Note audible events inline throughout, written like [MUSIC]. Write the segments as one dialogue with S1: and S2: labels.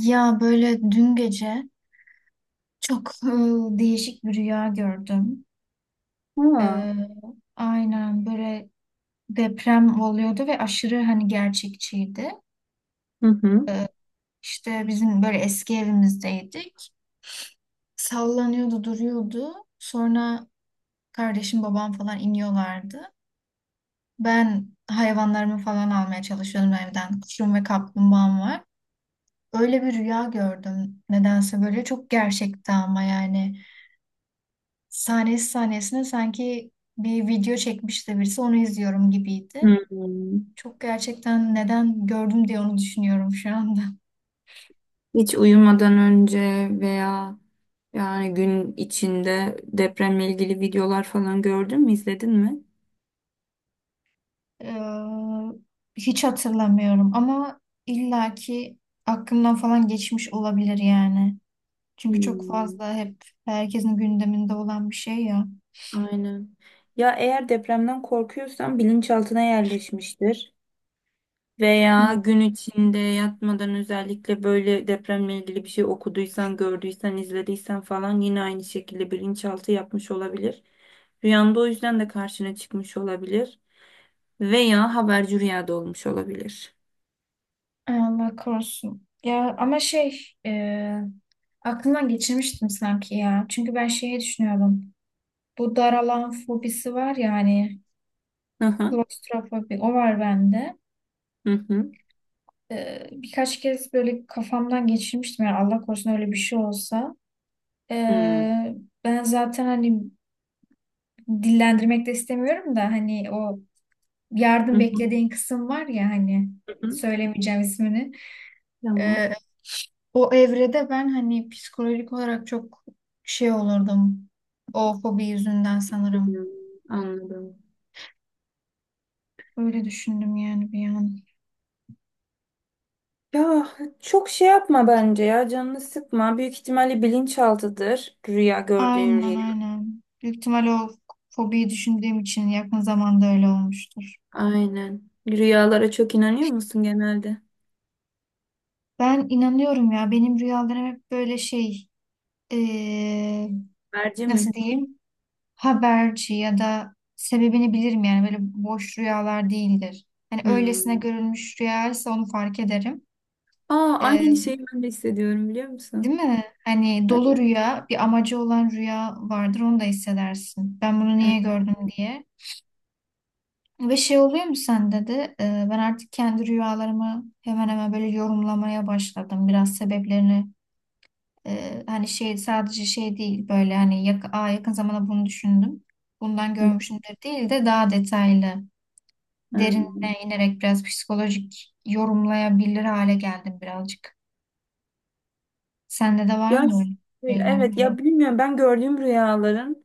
S1: Ya böyle dün gece çok değişik bir rüya gördüm.
S2: Aa.
S1: E, aynen böyle deprem oluyordu ve aşırı hani gerçekçiydi.
S2: Hı hı.
S1: İşte bizim böyle eski evimizdeydik. Sallanıyordu, duruyordu. Sonra kardeşim, babam falan iniyorlardı. Ben hayvanlarımı falan almaya çalışıyordum evden. Kuşum ve kaplumbağam var. Öyle bir rüya gördüm. Nedense böyle çok gerçekti ama yani. Sahnesi sahnesine sanki bir video çekmiş de birisi onu izliyorum gibiydi.
S2: Hmm.
S1: Çok gerçekten neden gördüm diye onu düşünüyorum şu anda.
S2: Hiç uyumadan önce veya yani gün içinde depremle ilgili videolar falan gördün mü, izledin mi?
S1: Hiç hatırlamıyorum ama illaki aklımdan falan geçmiş olabilir yani. Çünkü çok
S2: Hmm.
S1: fazla hep herkesin gündeminde olan bir şey ya.
S2: Aynen. Ya eğer depremden korkuyorsan bilinçaltına yerleşmiştir. Veya
S1: Hmm.
S2: gün içinde yatmadan özellikle böyle depremle ilgili bir şey okuduysan, gördüysen, izlediysen falan yine aynı şekilde bilinçaltı yapmış olabilir. Rüyanda o yüzden de karşına çıkmış olabilir veya haberci rüyada olmuş olabilir.
S1: Ay Allah korusun. Ya ama şey e, aklımdan geçirmiştim sanki ya. Çünkü ben şeyi düşünüyordum. Bu daralan fobisi var ya hani.
S2: Hı hı.
S1: Klostrofobi o var bende.
S2: Hı hı.
S1: Birkaç kez böyle kafamdan geçirmiştim yani Allah korusun öyle bir şey olsa.
S2: Hı hı.
S1: Ee, ben zaten hani dillendirmek de istemiyorum da hani o yardım
S2: Hı
S1: beklediğin kısım var ya hani
S2: hı.
S1: söylemeyeceğim ismini.
S2: Tamam.
S1: Ee, o evrede ben hani psikolojik olarak çok şey olurdum. O fobi yüzünden
S2: Hı,
S1: sanırım.
S2: tamam. Anladım.
S1: Öyle düşündüm yani bir an.
S2: Ya çok şey yapma bence, ya canını sıkma. Büyük ihtimalle bilinçaltıdır rüya gördüğün
S1: Aynen
S2: rüya.
S1: aynen. Büyük ihtimal o fobiyi düşündüğüm için yakın zamanda öyle olmuştur.
S2: Aynen. Rüyalara çok inanıyor musun genelde?
S1: Ben inanıyorum ya benim rüyalarım hep böyle şey eee,
S2: Merci mi?
S1: nasıl diyeyim haberci ya da sebebini bilirim yani böyle boş rüyalar değildir. Hani öylesine
S2: Hmm.
S1: görülmüş rüyaysa onu fark ederim.
S2: Aa,
S1: Eee,
S2: aynı şeyi ben de hissediyorum biliyor
S1: değil
S2: musun?
S1: mi? Hani dolu
S2: Evet.
S1: rüya bir amacı olan rüya vardır onu da hissedersin. Ben bunu
S2: Evet.
S1: niye gördüm diye. Ve şey oluyor mu sende de ben artık kendi rüyalarımı hemen hemen böyle yorumlamaya başladım. Biraz sebeplerini hani şey sadece şey değil böyle hani Aa, yakın zamanda bunu düşündüm. Bundan
S2: Hı.
S1: görmüşümdür değil de daha detaylı derinine inerek biraz psikolojik yorumlayabilir hale geldim birazcık. Sende de var
S2: Ya
S1: mı öyle
S2: şöyle,
S1: şeyler?
S2: evet, ya bilmiyorum, ben gördüğüm rüyaların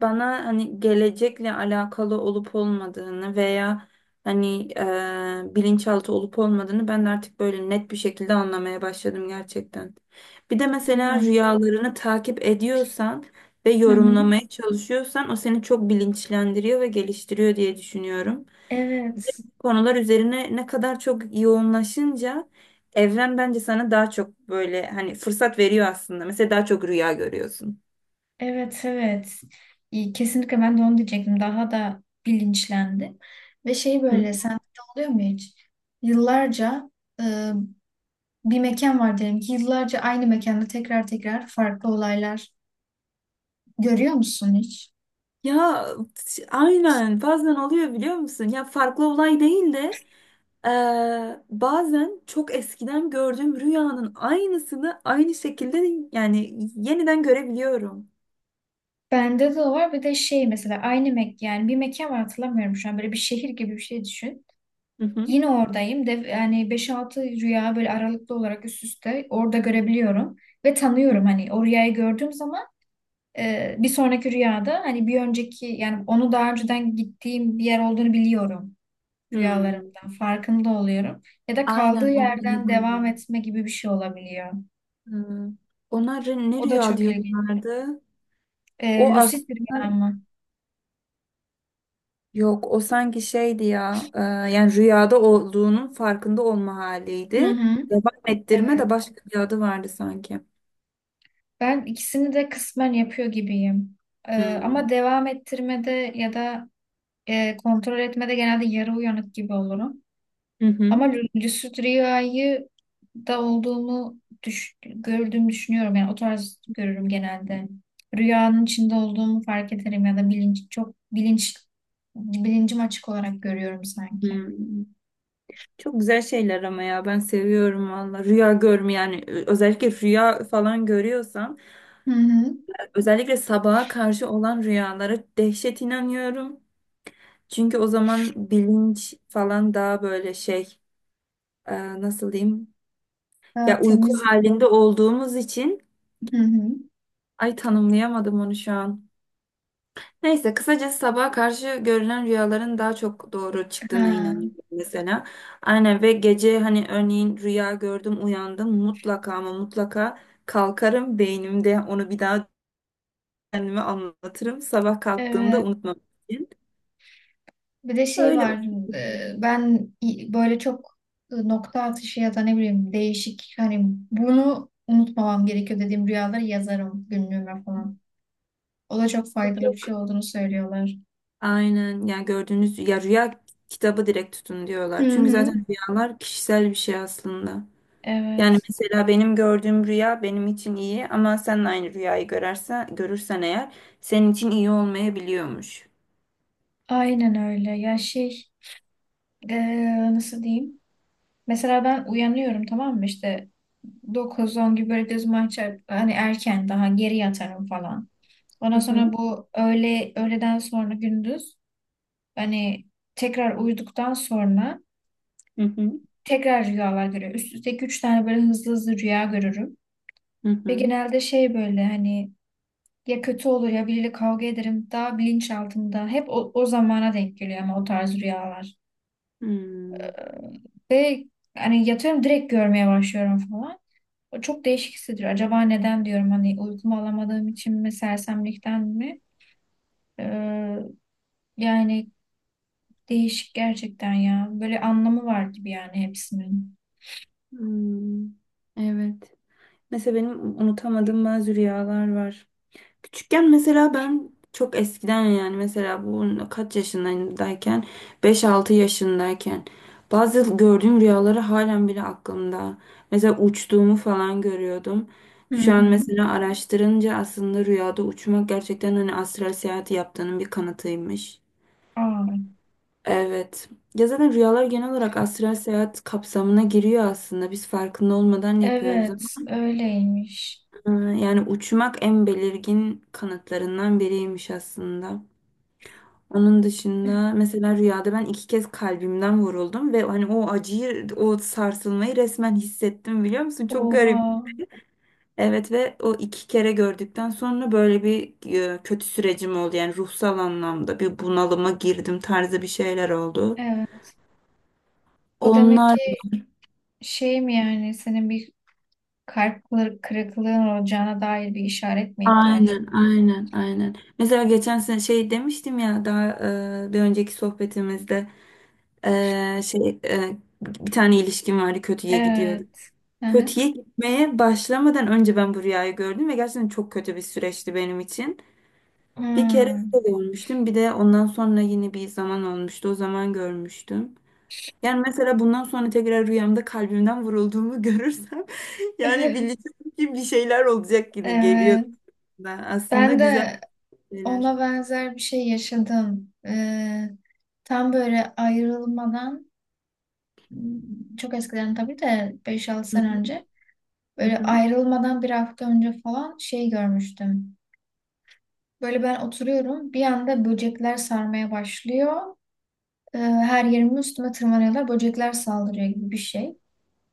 S2: bana hani gelecekle alakalı olup olmadığını veya hani bilinçaltı olup olmadığını ben de artık böyle net bir şekilde anlamaya başladım gerçekten. Bir de
S1: Değil
S2: mesela
S1: mi?
S2: rüyalarını takip ediyorsan ve
S1: Hı hı.
S2: yorumlamaya çalışıyorsan o seni çok bilinçlendiriyor ve geliştiriyor diye düşünüyorum.
S1: Evet.
S2: Konular üzerine ne kadar çok yoğunlaşınca evren bence sana daha çok böyle hani fırsat veriyor aslında. Mesela daha çok rüya görüyorsun.
S1: Evet evet. İyi, kesinlikle ben de onu diyecektim. Daha da bilinçlendim. Ve şey
S2: Hı.
S1: böyle sende de oluyor mu hiç? Yıllarca e, bir mekan var diyelim ki yıllarca aynı mekanda tekrar tekrar farklı olaylar görüyor musun hiç?
S2: Ya aynen, bazen oluyor biliyor musun? Ya farklı olay değil de bazen çok eskiden gördüğüm rüyanın aynısını aynı şekilde yani yeniden görebiliyorum.
S1: Bende de var bir de şey mesela aynı mek yani bir mekan var hatırlamıyorum şu an böyle bir şehir gibi bir şey düşün.
S2: Hı hı.
S1: Yine oradayım de yani beş altı rüya böyle aralıklı olarak üst üste orada görebiliyorum ve
S2: Hı.
S1: tanıyorum hani o rüyayı gördüğüm zaman. Bir sonraki rüyada hani bir önceki yani onu daha önceden gittiğim bir yer olduğunu biliyorum,
S2: Hmm.
S1: rüyalarımdan farkında oluyorum ya da kaldığı
S2: Aynen, o böyle
S1: yerden
S2: de
S1: devam
S2: oluyor.
S1: etme gibi bir şey olabiliyor.
S2: Hı. Ona ne
S1: O da
S2: rüya
S1: çok ilginç.
S2: diyorlardı? O
S1: Lucid
S2: aslında
S1: rüya mı?
S2: yok, o sanki şeydi ya, yani rüyada olduğunun farkında olma
S1: Hı
S2: haliydi.
S1: hı.
S2: Devam ettirme
S1: Evet.
S2: de başka bir adı vardı sanki.
S1: Ben ikisini de kısmen yapıyor gibiyim.
S2: Hı.
S1: Ama devam ettirmede ya da kontrol etmede genelde yarı uyanık gibi olurum.
S2: Hı
S1: Ama
S2: hı.
S1: lucid rüyayı da olduğumu düş gördüğümü düşünüyorum. Yani o tarz görürüm genelde. Rüyanın içinde olduğumu fark ederim ya da bilinç çok bilinç bilincim açık olarak görüyorum sanki.
S2: Hmm. Çok güzel şeyler ama ya, ben seviyorum valla. Rüya görme, yani özellikle rüya falan görüyorsam
S1: Hı hı.
S2: özellikle sabaha karşı olan rüyalara dehşet inanıyorum. Çünkü o zaman bilinç falan daha böyle şey, nasıl diyeyim,
S1: Daha
S2: ya uyku
S1: temiz.
S2: halinde olduğumuz için
S1: Hı hı.
S2: ay, tanımlayamadım onu şu an. Neyse, kısacası sabaha karşı görülen rüyaların daha çok doğru çıktığına
S1: Ha.
S2: inanıyorum mesela. Aynen. Ve gece hani örneğin rüya gördüm uyandım, mutlaka ama mutlaka kalkarım, beynimde onu bir daha kendime anlatırım. Sabah kalktığımda
S1: Evet.
S2: unutmam için.
S1: Bir de şey
S2: Öyle.
S1: var. Ben böyle çok nokta atışı ya da ne bileyim değişik hani bunu unutmamam gerekiyor dediğim rüyaları yazarım günlüğüme falan. O da çok faydalı bir şey olduğunu söylüyorlar.
S2: Aynen, yani gördüğünüz ya, rüya kitabı direkt tutun
S1: Hı
S2: diyorlar. Çünkü
S1: hı.
S2: zaten rüyalar kişisel bir şey aslında. Yani
S1: Evet,
S2: mesela benim gördüğüm rüya benim için iyi ama sen de aynı rüyayı görürsen eğer senin için iyi olmayabiliyormuş.
S1: aynen öyle. Ya şey, nasıl diyeyim? Mesela ben uyanıyorum tamam mı? İşte dokuz on gibi böyle gözümü açar, hani erken daha geri yatarım falan.
S2: Hı
S1: Ondan
S2: hı,
S1: sonra bu öğle, öğleden sonra gündüz hani tekrar uyuduktan sonra
S2: hı hı,
S1: tekrar rüyalar görüyorum. Üst üste 3 tane böyle hızlı hızlı rüya görürüm.
S2: hı
S1: Ve
S2: hı.
S1: genelde şey böyle hani ya kötü olur ya biriyle kavga ederim. Daha bilinçaltımda. Hep o zamana denk geliyor ama o tarz rüyalar.
S2: Hmm,
S1: Ve hani yatıyorum direkt görmeye başlıyorum falan. O çok değişik hissediyor. Acaba neden diyorum hani uykumu alamadığım için mi sersemlikten mi? Ee, yani değişik gerçekten ya. Böyle anlamı var gibi yani hepsinin.
S2: hmm. Evet. Mesela benim unutamadığım bazı rüyalar var. Küçükken mesela ben çok eskiden, yani mesela bu kaç yaşındayken, beş altı yaşındayken bazı gördüğüm rüyaları halen bile aklımda. Mesela uçtuğumu falan görüyordum.
S1: Hı
S2: Şu an
S1: hı.
S2: mesela araştırınca aslında rüyada uçmak gerçekten hani astral seyahati yaptığının bir kanıtıymış.
S1: Aa,
S2: Evet. Ya zaten rüyalar genel olarak astral seyahat kapsamına giriyor aslında. Biz farkında olmadan yapıyoruz
S1: evet
S2: ama
S1: öyleymiş.
S2: e, yani uçmak en belirgin kanıtlarından biriymiş aslında. Onun dışında mesela rüyada ben iki kez kalbimden vuruldum ve hani o acıyı, o sarsılmayı resmen hissettim biliyor musun? Çok
S1: Oha.
S2: garip. Evet. Ve o iki kere gördükten sonra böyle bir kötü sürecim oldu. Yani ruhsal anlamda bir bunalıma girdim tarzı bir şeyler oldu.
S1: Evet. O demek
S2: Onlar
S1: ki şey mi yani senin bir kalp kırıklığın olacağına dair bir işaret mi ihtiyacı?
S2: aynen, aynen, aynen. Mesela geçen sene şey demiştim ya, daha bir önceki sohbetimizde, bir tane ilişkim vardı, kötüye gidiyor.
S1: Evet. Hı hı.
S2: Kötüye gitmeye başlamadan önce ben bu rüyayı gördüm ve gerçekten çok kötü bir süreçti benim için. Bir kere
S1: Hmm.
S2: öyle görmüştüm. Bir de ondan sonra yine bir zaman olmuştu, o zaman görmüştüm. Yani mesela bundan sonra tekrar rüyamda kalbimden vurulduğumu [LAUGHS] görürsem yani
S1: [LAUGHS]
S2: bileceğim ki bir şeyler olacak, yine geliyor
S1: Evet.
S2: da. Aslında
S1: Ben
S2: güzel
S1: de
S2: şeyler.
S1: ona benzer bir şey yaşadım. Tam böyle ayrılmadan hmm, çok eskiden tabii de beş altı
S2: Hı
S1: sene
S2: hı.
S1: önce
S2: Hı
S1: böyle
S2: hı.
S1: ayrılmadan bir hafta önce falan şey görmüştüm. Böyle ben oturuyorum bir anda böcekler sarmaya başlıyor. Her yerimi üstüme tırmanıyorlar. Böcekler saldırıyor gibi bir şey.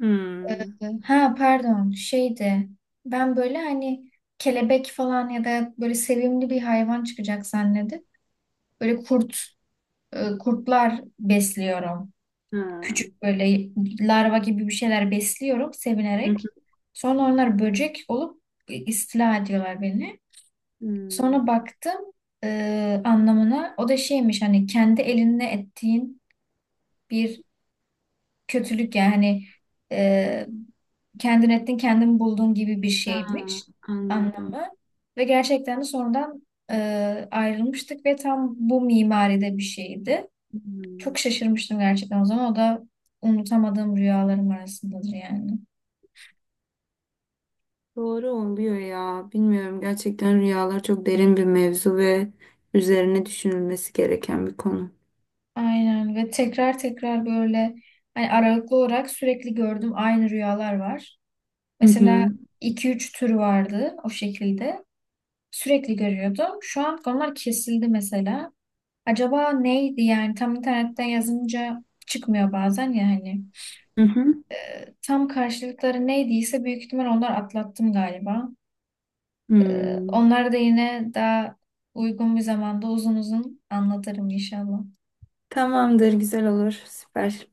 S2: Hmm.
S1: Ha pardon şeydi ben böyle hani kelebek falan ya da böyle sevimli bir hayvan çıkacak zannedip böyle kurtlar besliyorum.
S2: Ha.
S1: Küçük böyle larva gibi bir şeyler besliyorum
S2: Hı hı.
S1: sevinerek. Sonra onlar böcek olup istila ediyorlar beni.
S2: Hmm.
S1: Sonra baktım anlamına o da şeymiş hani kendi elinle ettiğin bir kötülük yani hani e, kendin ettin kendin buldun gibi bir
S2: Ha,
S1: şeymiş
S2: anladım.
S1: anlamı. Ve gerçekten de sonradan ayrılmıştık ve tam bu mimaride bir şeydi.
S2: Hmm.
S1: Çok şaşırmıştım gerçekten o zaman. O da unutamadığım rüyalarım arasındadır yani.
S2: Doğru oluyor ya. Bilmiyorum, gerçekten rüyalar çok derin bir mevzu ve üzerine düşünülmesi gereken bir konu.
S1: Aynen ve tekrar tekrar böyle hani aralıklı olarak sürekli gördüğüm aynı rüyalar var.
S2: Hı
S1: Mesela
S2: hı.
S1: iki üç tür vardı o şekilde. Sürekli görüyordum. Şu an onlar kesildi mesela. Acaba neydi yani tam internetten yazınca çıkmıyor bazen ya hani.
S2: Hı hı.
S1: Tam karşılıkları neydiyse büyük ihtimal onlar atlattım galiba.
S2: Hmm.
S1: Onları da yine daha uygun bir zamanda uzun uzun anlatırım inşallah.
S2: Tamamdır, güzel olur. Süper.